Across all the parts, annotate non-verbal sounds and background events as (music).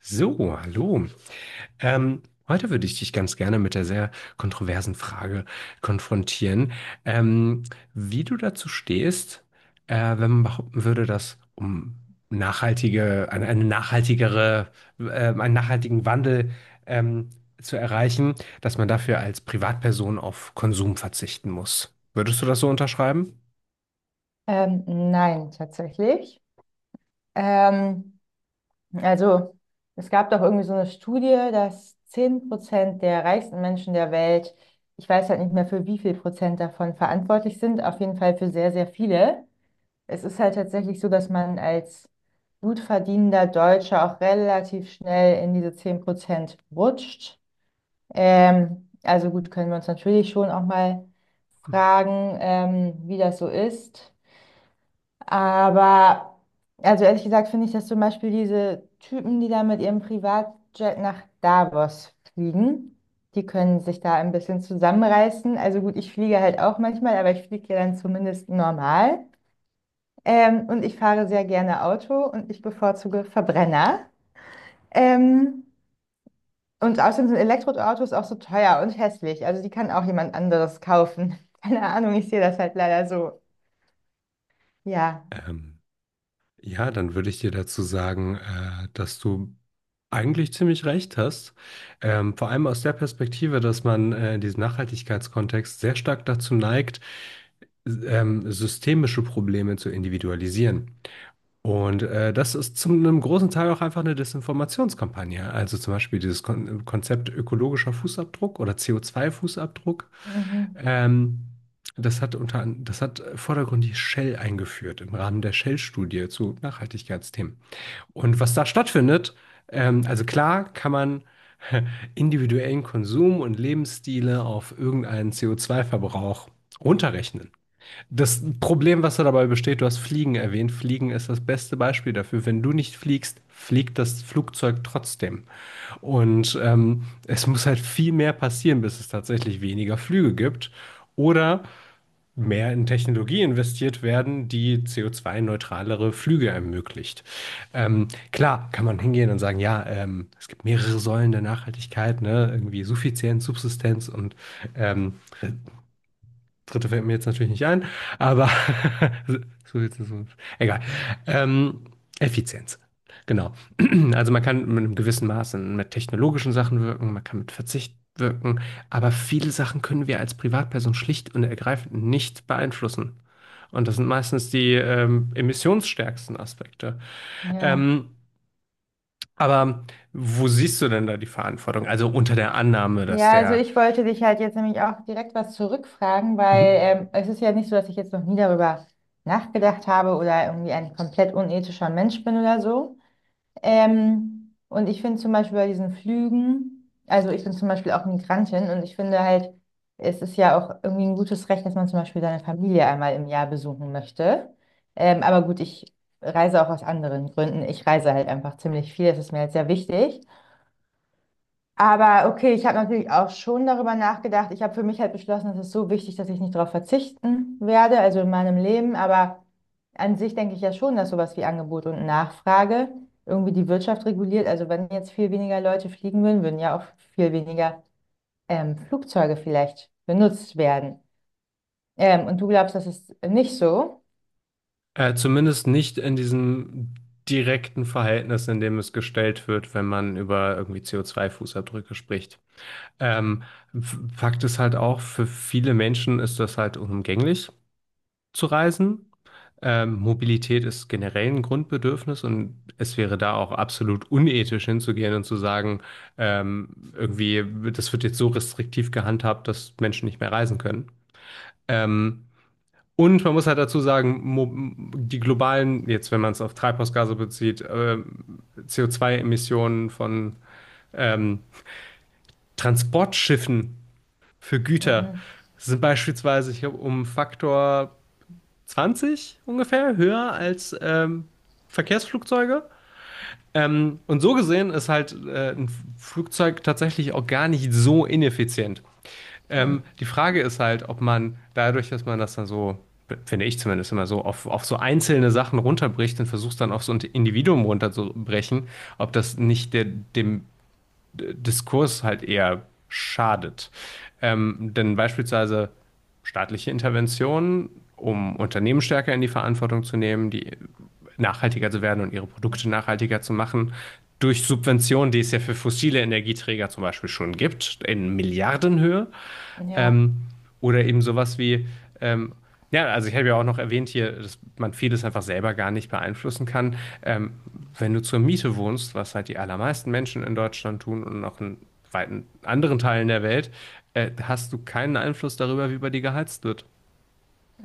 So, hallo. Ähm, heute würde ich dich ganz gerne mit der sehr kontroversen Frage konfrontieren, ähm, wie du dazu stehst, wenn man behaupten würde, dass um nachhaltige, eine nachhaltigere, äh, einen nachhaltigen Wandel ähm, zu erreichen, dass man dafür als Privatperson auf Konsum verzichten muss. Würdest du das so unterschreiben? Nein, tatsächlich. Ähm, also es gab doch irgendwie so eine Studie, dass 10% der reichsten Menschen der Welt, ich weiß halt nicht mehr für wie viel Prozent davon verantwortlich sind, auf jeden Fall für sehr, sehr viele. Es ist halt tatsächlich so, dass man als gut verdienender Deutscher auch relativ schnell in diese 10% rutscht. Also gut, können wir uns natürlich schon auch mal fragen, wie das so ist. Aber, also ehrlich gesagt, finde ich, dass zum Beispiel diese Typen, die da mit ihrem Privatjet nach Davos fliegen, die können sich da ein bisschen zusammenreißen. Also gut, ich fliege halt auch manchmal, aber ich fliege ja dann zumindest normal. Und ich fahre sehr gerne Auto und ich bevorzuge Verbrenner. Ähm, und außerdem sind Elektroautos auch so teuer und hässlich. Also die kann auch jemand anderes kaufen. (laughs) Keine Ahnung, ich sehe das halt leider so. Ja. Ähm, Ja, dann würde ich dir dazu sagen, dass du eigentlich ziemlich recht hast. Vor allem aus der Perspektive, dass man in diesem Nachhaltigkeitskontext sehr stark dazu neigt, systemische Probleme zu individualisieren. Und das ist zu einem großen Teil auch einfach eine Desinformationskampagne. Also zum Beispiel dieses Konzept ökologischer Fußabdruck oder CO2-Fußabdruck. Mhm. ähm, Das hat vordergründig Shell eingeführt im Rahmen der Shell-Studie zu Nachhaltigkeitsthemen. Und was da stattfindet, also klar kann man (laughs) individuellen Konsum und Lebensstile auf irgendeinen CO2-Verbrauch runterrechnen. Das Problem, was da dabei besteht, du hast Fliegen erwähnt. Fliegen ist das beste Beispiel dafür. Wenn du nicht fliegst, fliegt das Flugzeug trotzdem. Und es muss halt viel mehr passieren, bis es tatsächlich weniger Flüge gibt. Oder mehr in Technologie investiert werden, die CO2-neutralere Flüge ermöglicht. Klar, kann man hingehen und sagen, ja, es gibt mehrere Säulen der Nachhaltigkeit, ne? Irgendwie Suffizienz, Subsistenz und ähm, dritte fällt mir jetzt natürlich nicht ein, aber (laughs) so jetzt ist egal. Ähm, Effizienz. Genau. (clears throat) Also man kann mit einem gewissen Maße mit technologischen Sachen wirken, man kann mit Verzicht wirken, aber viele Sachen können wir als Privatperson schlicht und ergreifend nicht beeinflussen. Und das sind meistens die emissionsstärksten Aspekte. Ja. Ähm, aber wo siehst du denn da die Verantwortung? Also unter der Annahme, dass Ja, also der... ich wollte dich halt jetzt nämlich auch direkt was zurückfragen, weil Mhm. Es ist ja nicht so, dass ich jetzt noch nie darüber nachgedacht habe oder irgendwie ein komplett unethischer Mensch bin oder so. Und ich finde zum Beispiel bei diesen Flügen, also ich bin zum Beispiel auch Migrantin und ich finde halt, es ist ja auch irgendwie ein gutes Recht, dass man zum Beispiel seine Familie einmal im Jahr besuchen möchte. Aber gut, ich reise auch aus anderen Gründen. Ich reise halt einfach ziemlich viel, das ist mir halt sehr wichtig. Aber okay, ich habe natürlich auch schon darüber nachgedacht. Ich habe für mich halt beschlossen, es ist so wichtig, dass ich nicht darauf verzichten werde, also in meinem Leben. Aber an sich denke ich ja schon, dass sowas wie Angebot und Nachfrage irgendwie die Wirtschaft reguliert. Also wenn jetzt viel weniger Leute fliegen würden, würden ja auch viel weniger Flugzeuge vielleicht benutzt werden. Und du glaubst, das ist nicht so? Zumindest nicht in diesem direkten Verhältnis, in dem es gestellt wird, wenn man über irgendwie CO2-Fußabdrücke spricht. Ähm, Fakt ist halt auch, für viele Menschen ist das halt unumgänglich zu reisen. Mobilität ist generell ein Grundbedürfnis und es wäre da auch absolut unethisch hinzugehen und zu sagen, irgendwie, das wird jetzt so restriktiv gehandhabt, dass Menschen nicht mehr reisen können. Ähm, und man muss halt dazu sagen, die globalen, jetzt wenn man es auf Treibhausgase bezieht, CO2-Emissionen von ähm, Transportschiffen für Güter sind beispielsweise, ich glaube, um Faktor 20 ungefähr höher als Verkehrsflugzeuge. Und so gesehen ist halt ein Flugzeug tatsächlich auch gar nicht so ineffizient. Die Frage ist halt, ob man dadurch, dass man das dann so, finde ich zumindest immer so, auf so einzelne Sachen runterbricht und versucht dann auf so ein Individuum runterzubrechen, ob das nicht der, dem Diskurs halt eher schadet. Denn beispielsweise staatliche Interventionen, um Unternehmen stärker in die Verantwortung zu nehmen, die nachhaltiger zu werden und ihre Produkte nachhaltiger zu machen, durch Subventionen, die es ja für fossile Energieträger zum Beispiel schon gibt, in Milliardenhöhe. Ja, Ähm, oder eben sowas wie, ähm, ja, also ich habe ja auch noch erwähnt hier, dass man vieles einfach selber gar nicht beeinflussen kann. Ähm, Wenn du zur Miete wohnst, was halt die allermeisten Menschen in Deutschland tun und auch in weiten anderen Teilen der Welt, hast du keinen Einfluss darüber, wie bei dir geheizt wird.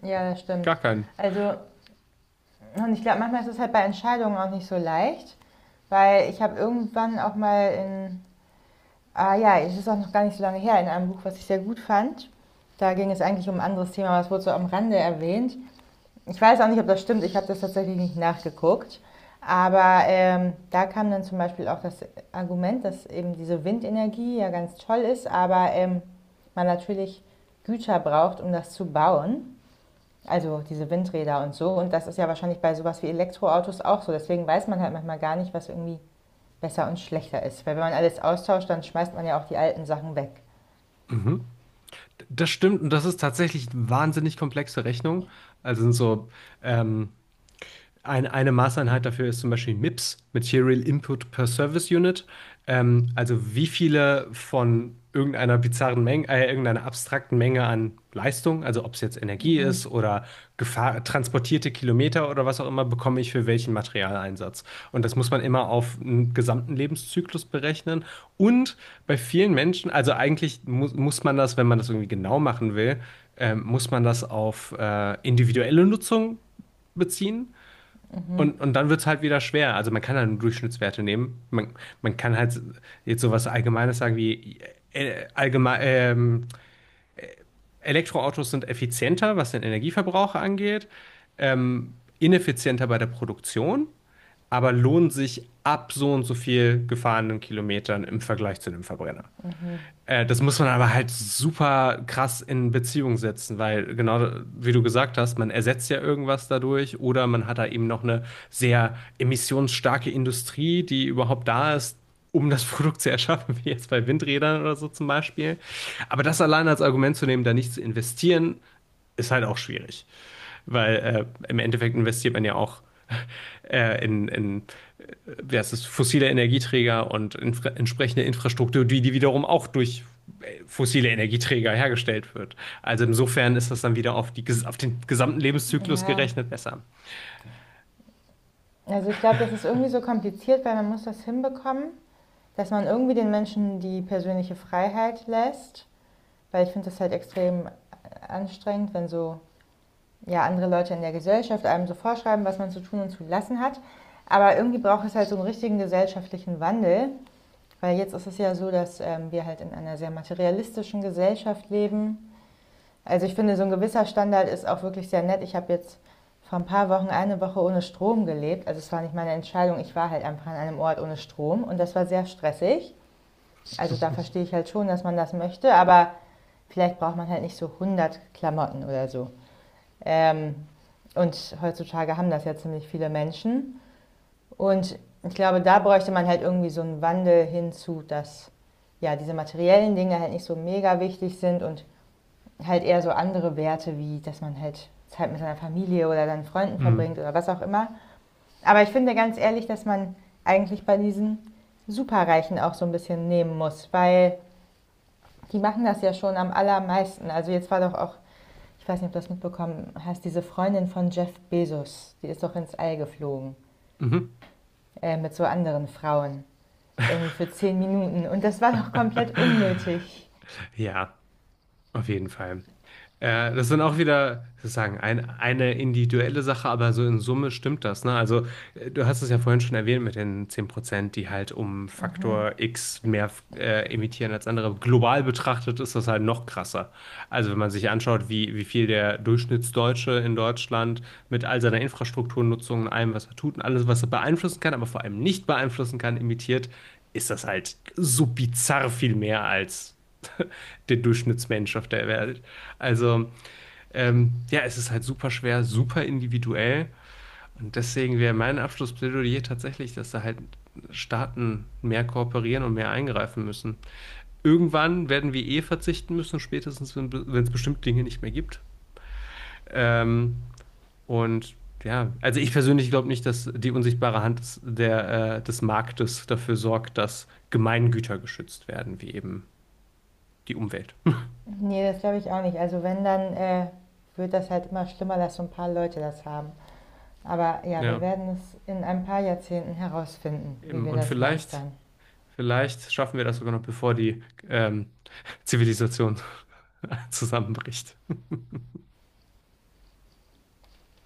ja, das stimmt. Gar keinen. Also, und ich glaube, manchmal ist es halt bei Entscheidungen auch nicht so leicht, weil ich habe irgendwann auch mal in Ah ja, es ist auch noch gar nicht so lange her, in einem Buch, was ich sehr gut fand. Da ging es eigentlich um ein anderes Thema, aber es wurde so am Rande erwähnt. Ich weiß auch nicht, ob das stimmt, ich habe das tatsächlich nicht nachgeguckt. Aber da kam dann zum Beispiel auch das Argument, dass eben diese Windenergie ja ganz toll ist, aber man natürlich Güter braucht, um das zu bauen. Also diese Windräder und so. Und das ist ja wahrscheinlich bei sowas wie Elektroautos auch so. Deswegen weiß man halt manchmal gar nicht, was irgendwie besser und schlechter ist. Weil wenn man alles austauscht, dann schmeißt man ja auch die alten Sachen weg. Mhm. Das stimmt und das ist tatsächlich eine wahnsinnig komplexe Rechnung. Also sind so ähm, eine Maßeinheit dafür ist zum Beispiel MIPS, Material Input per Service Unit. Also wie viele von irgendeiner bizarren Menge, irgendeiner abstrakten Menge an Leistung, also ob es jetzt Energie ist oder Gefahr, transportierte Kilometer oder was auch immer, bekomme ich für welchen Materialeinsatz. Und das muss man immer auf einen gesamten Lebenszyklus berechnen. Und bei vielen Menschen, also eigentlich mu muss man das, wenn man das irgendwie genau machen will, muss man das auf individuelle Nutzung beziehen. Und dann wird es halt wieder schwer. Also man kann dann Durchschnittswerte nehmen. Man kann halt jetzt sowas Allgemeines sagen wie allgemein, Elektroautos sind effizienter, was den Energieverbrauch angeht, ähm, ineffizienter bei der Produktion, aber lohnen sich ab so und so viel gefahrenen Kilometern im Vergleich zu einem Verbrenner. Das muss man aber halt super krass in Beziehung setzen, weil genau wie du gesagt hast, man ersetzt ja irgendwas dadurch oder man hat da eben noch eine sehr emissionsstarke Industrie, die überhaupt da ist, um das (laughs) Produkt zu erschaffen, wie jetzt bei Windrädern oder so zum Beispiel. Aber das allein als Argument zu nehmen, da nicht zu investieren, ist halt auch schwierig. Weil im Endeffekt investiert man ja auch (laughs) in äh, wie heißt es, fossile Energieträger und infra entsprechende Infrastruktur, die, wiederum auch durch fossile Energieträger hergestellt wird. Also insofern ist das dann wieder auf, die, auf den gesamten Lebenszyklus Ja, gerechnet besser. also ich glaube, das ist irgendwie so kompliziert, weil man muss das hinbekommen, dass man irgendwie den Menschen die persönliche Freiheit lässt. Weil ich finde das halt extrem anstrengend, wenn so ja, andere Leute in der Gesellschaft einem so vorschreiben, was man zu tun und zu lassen hat. Aber irgendwie braucht es halt so einen richtigen gesellschaftlichen Wandel. Weil jetzt ist es ja so, dass wir halt in einer sehr materialistischen Gesellschaft leben. Also ich finde, so ein gewisser Standard ist auch wirklich sehr nett. Ich habe jetzt vor ein paar Wochen eine Woche ohne Strom gelebt. Also es war nicht meine Entscheidung. Ich war halt einfach an einem Ort ohne Strom und das war sehr stressig. Also da (laughs) verstehe ich halt schon, dass man das möchte, aber vielleicht braucht man halt nicht so 100 Klamotten oder so. Ähm, und heutzutage haben das ja ziemlich viele Menschen. Und ich glaube, da bräuchte man halt irgendwie so einen Wandel hinzu, dass ja diese materiellen Dinge halt nicht so mega wichtig sind und halt eher so andere Werte, wie dass man halt Zeit mit seiner Familie oder seinen Freunden verbringt Mhm. oder was auch immer. Aber ich finde ganz ehrlich, dass man eigentlich bei diesen Superreichen auch so ein bisschen nehmen muss, weil die machen das ja schon am allermeisten. Also jetzt war doch auch, ich weiß nicht, ob du das mitbekommen hast, diese Freundin von Jeff Bezos, die ist doch ins All geflogen Mhm. Mit so anderen Frauen, irgendwie für 10 Minuten. Und das war doch komplett (laughs) unnötig. Ja, auf jeden Fall. Ja, das sind auch wieder sozusagen eine individuelle Sache, aber so in Summe stimmt das, ne? Also, du hast es ja vorhin schon erwähnt mit den 10%, die halt um Faktor X mehr emittieren als andere. Global betrachtet ist das halt noch krasser. Also, wenn man sich anschaut, wie viel der Durchschnittsdeutsche in Deutschland mit all seiner Infrastrukturnutzung und allem, was er tut und alles, was er beeinflussen kann, aber vor allem nicht beeinflussen kann, emittiert, ist das halt so bizarr viel mehr als der Durchschnittsmensch auf der Welt. Also, ja, es ist halt super schwer, super individuell. Und deswegen wäre mein Abschlussplädoyer tatsächlich, dass da halt Staaten mehr kooperieren und mehr eingreifen müssen. Irgendwann werden wir eh verzichten müssen, spätestens wenn es bestimmte Dinge nicht mehr gibt. Ähm, und ja, also ich persönlich glaube nicht, dass die unsichtbare Hand des Marktes dafür sorgt, dass Gemeingüter geschützt werden, wie eben die Umwelt. Ne, das glaube ich auch nicht. Also wenn, dann, wird das halt immer schlimmer, dass so ein paar Leute das haben. Aber ja, wir Ja, werden es in ein paar Jahrzehnten herausfinden, wie eben. wir Und das vielleicht. meistern. Vielleicht schaffen wir das sogar noch, bevor die ähm, Zivilisation (laughs) zusammenbricht.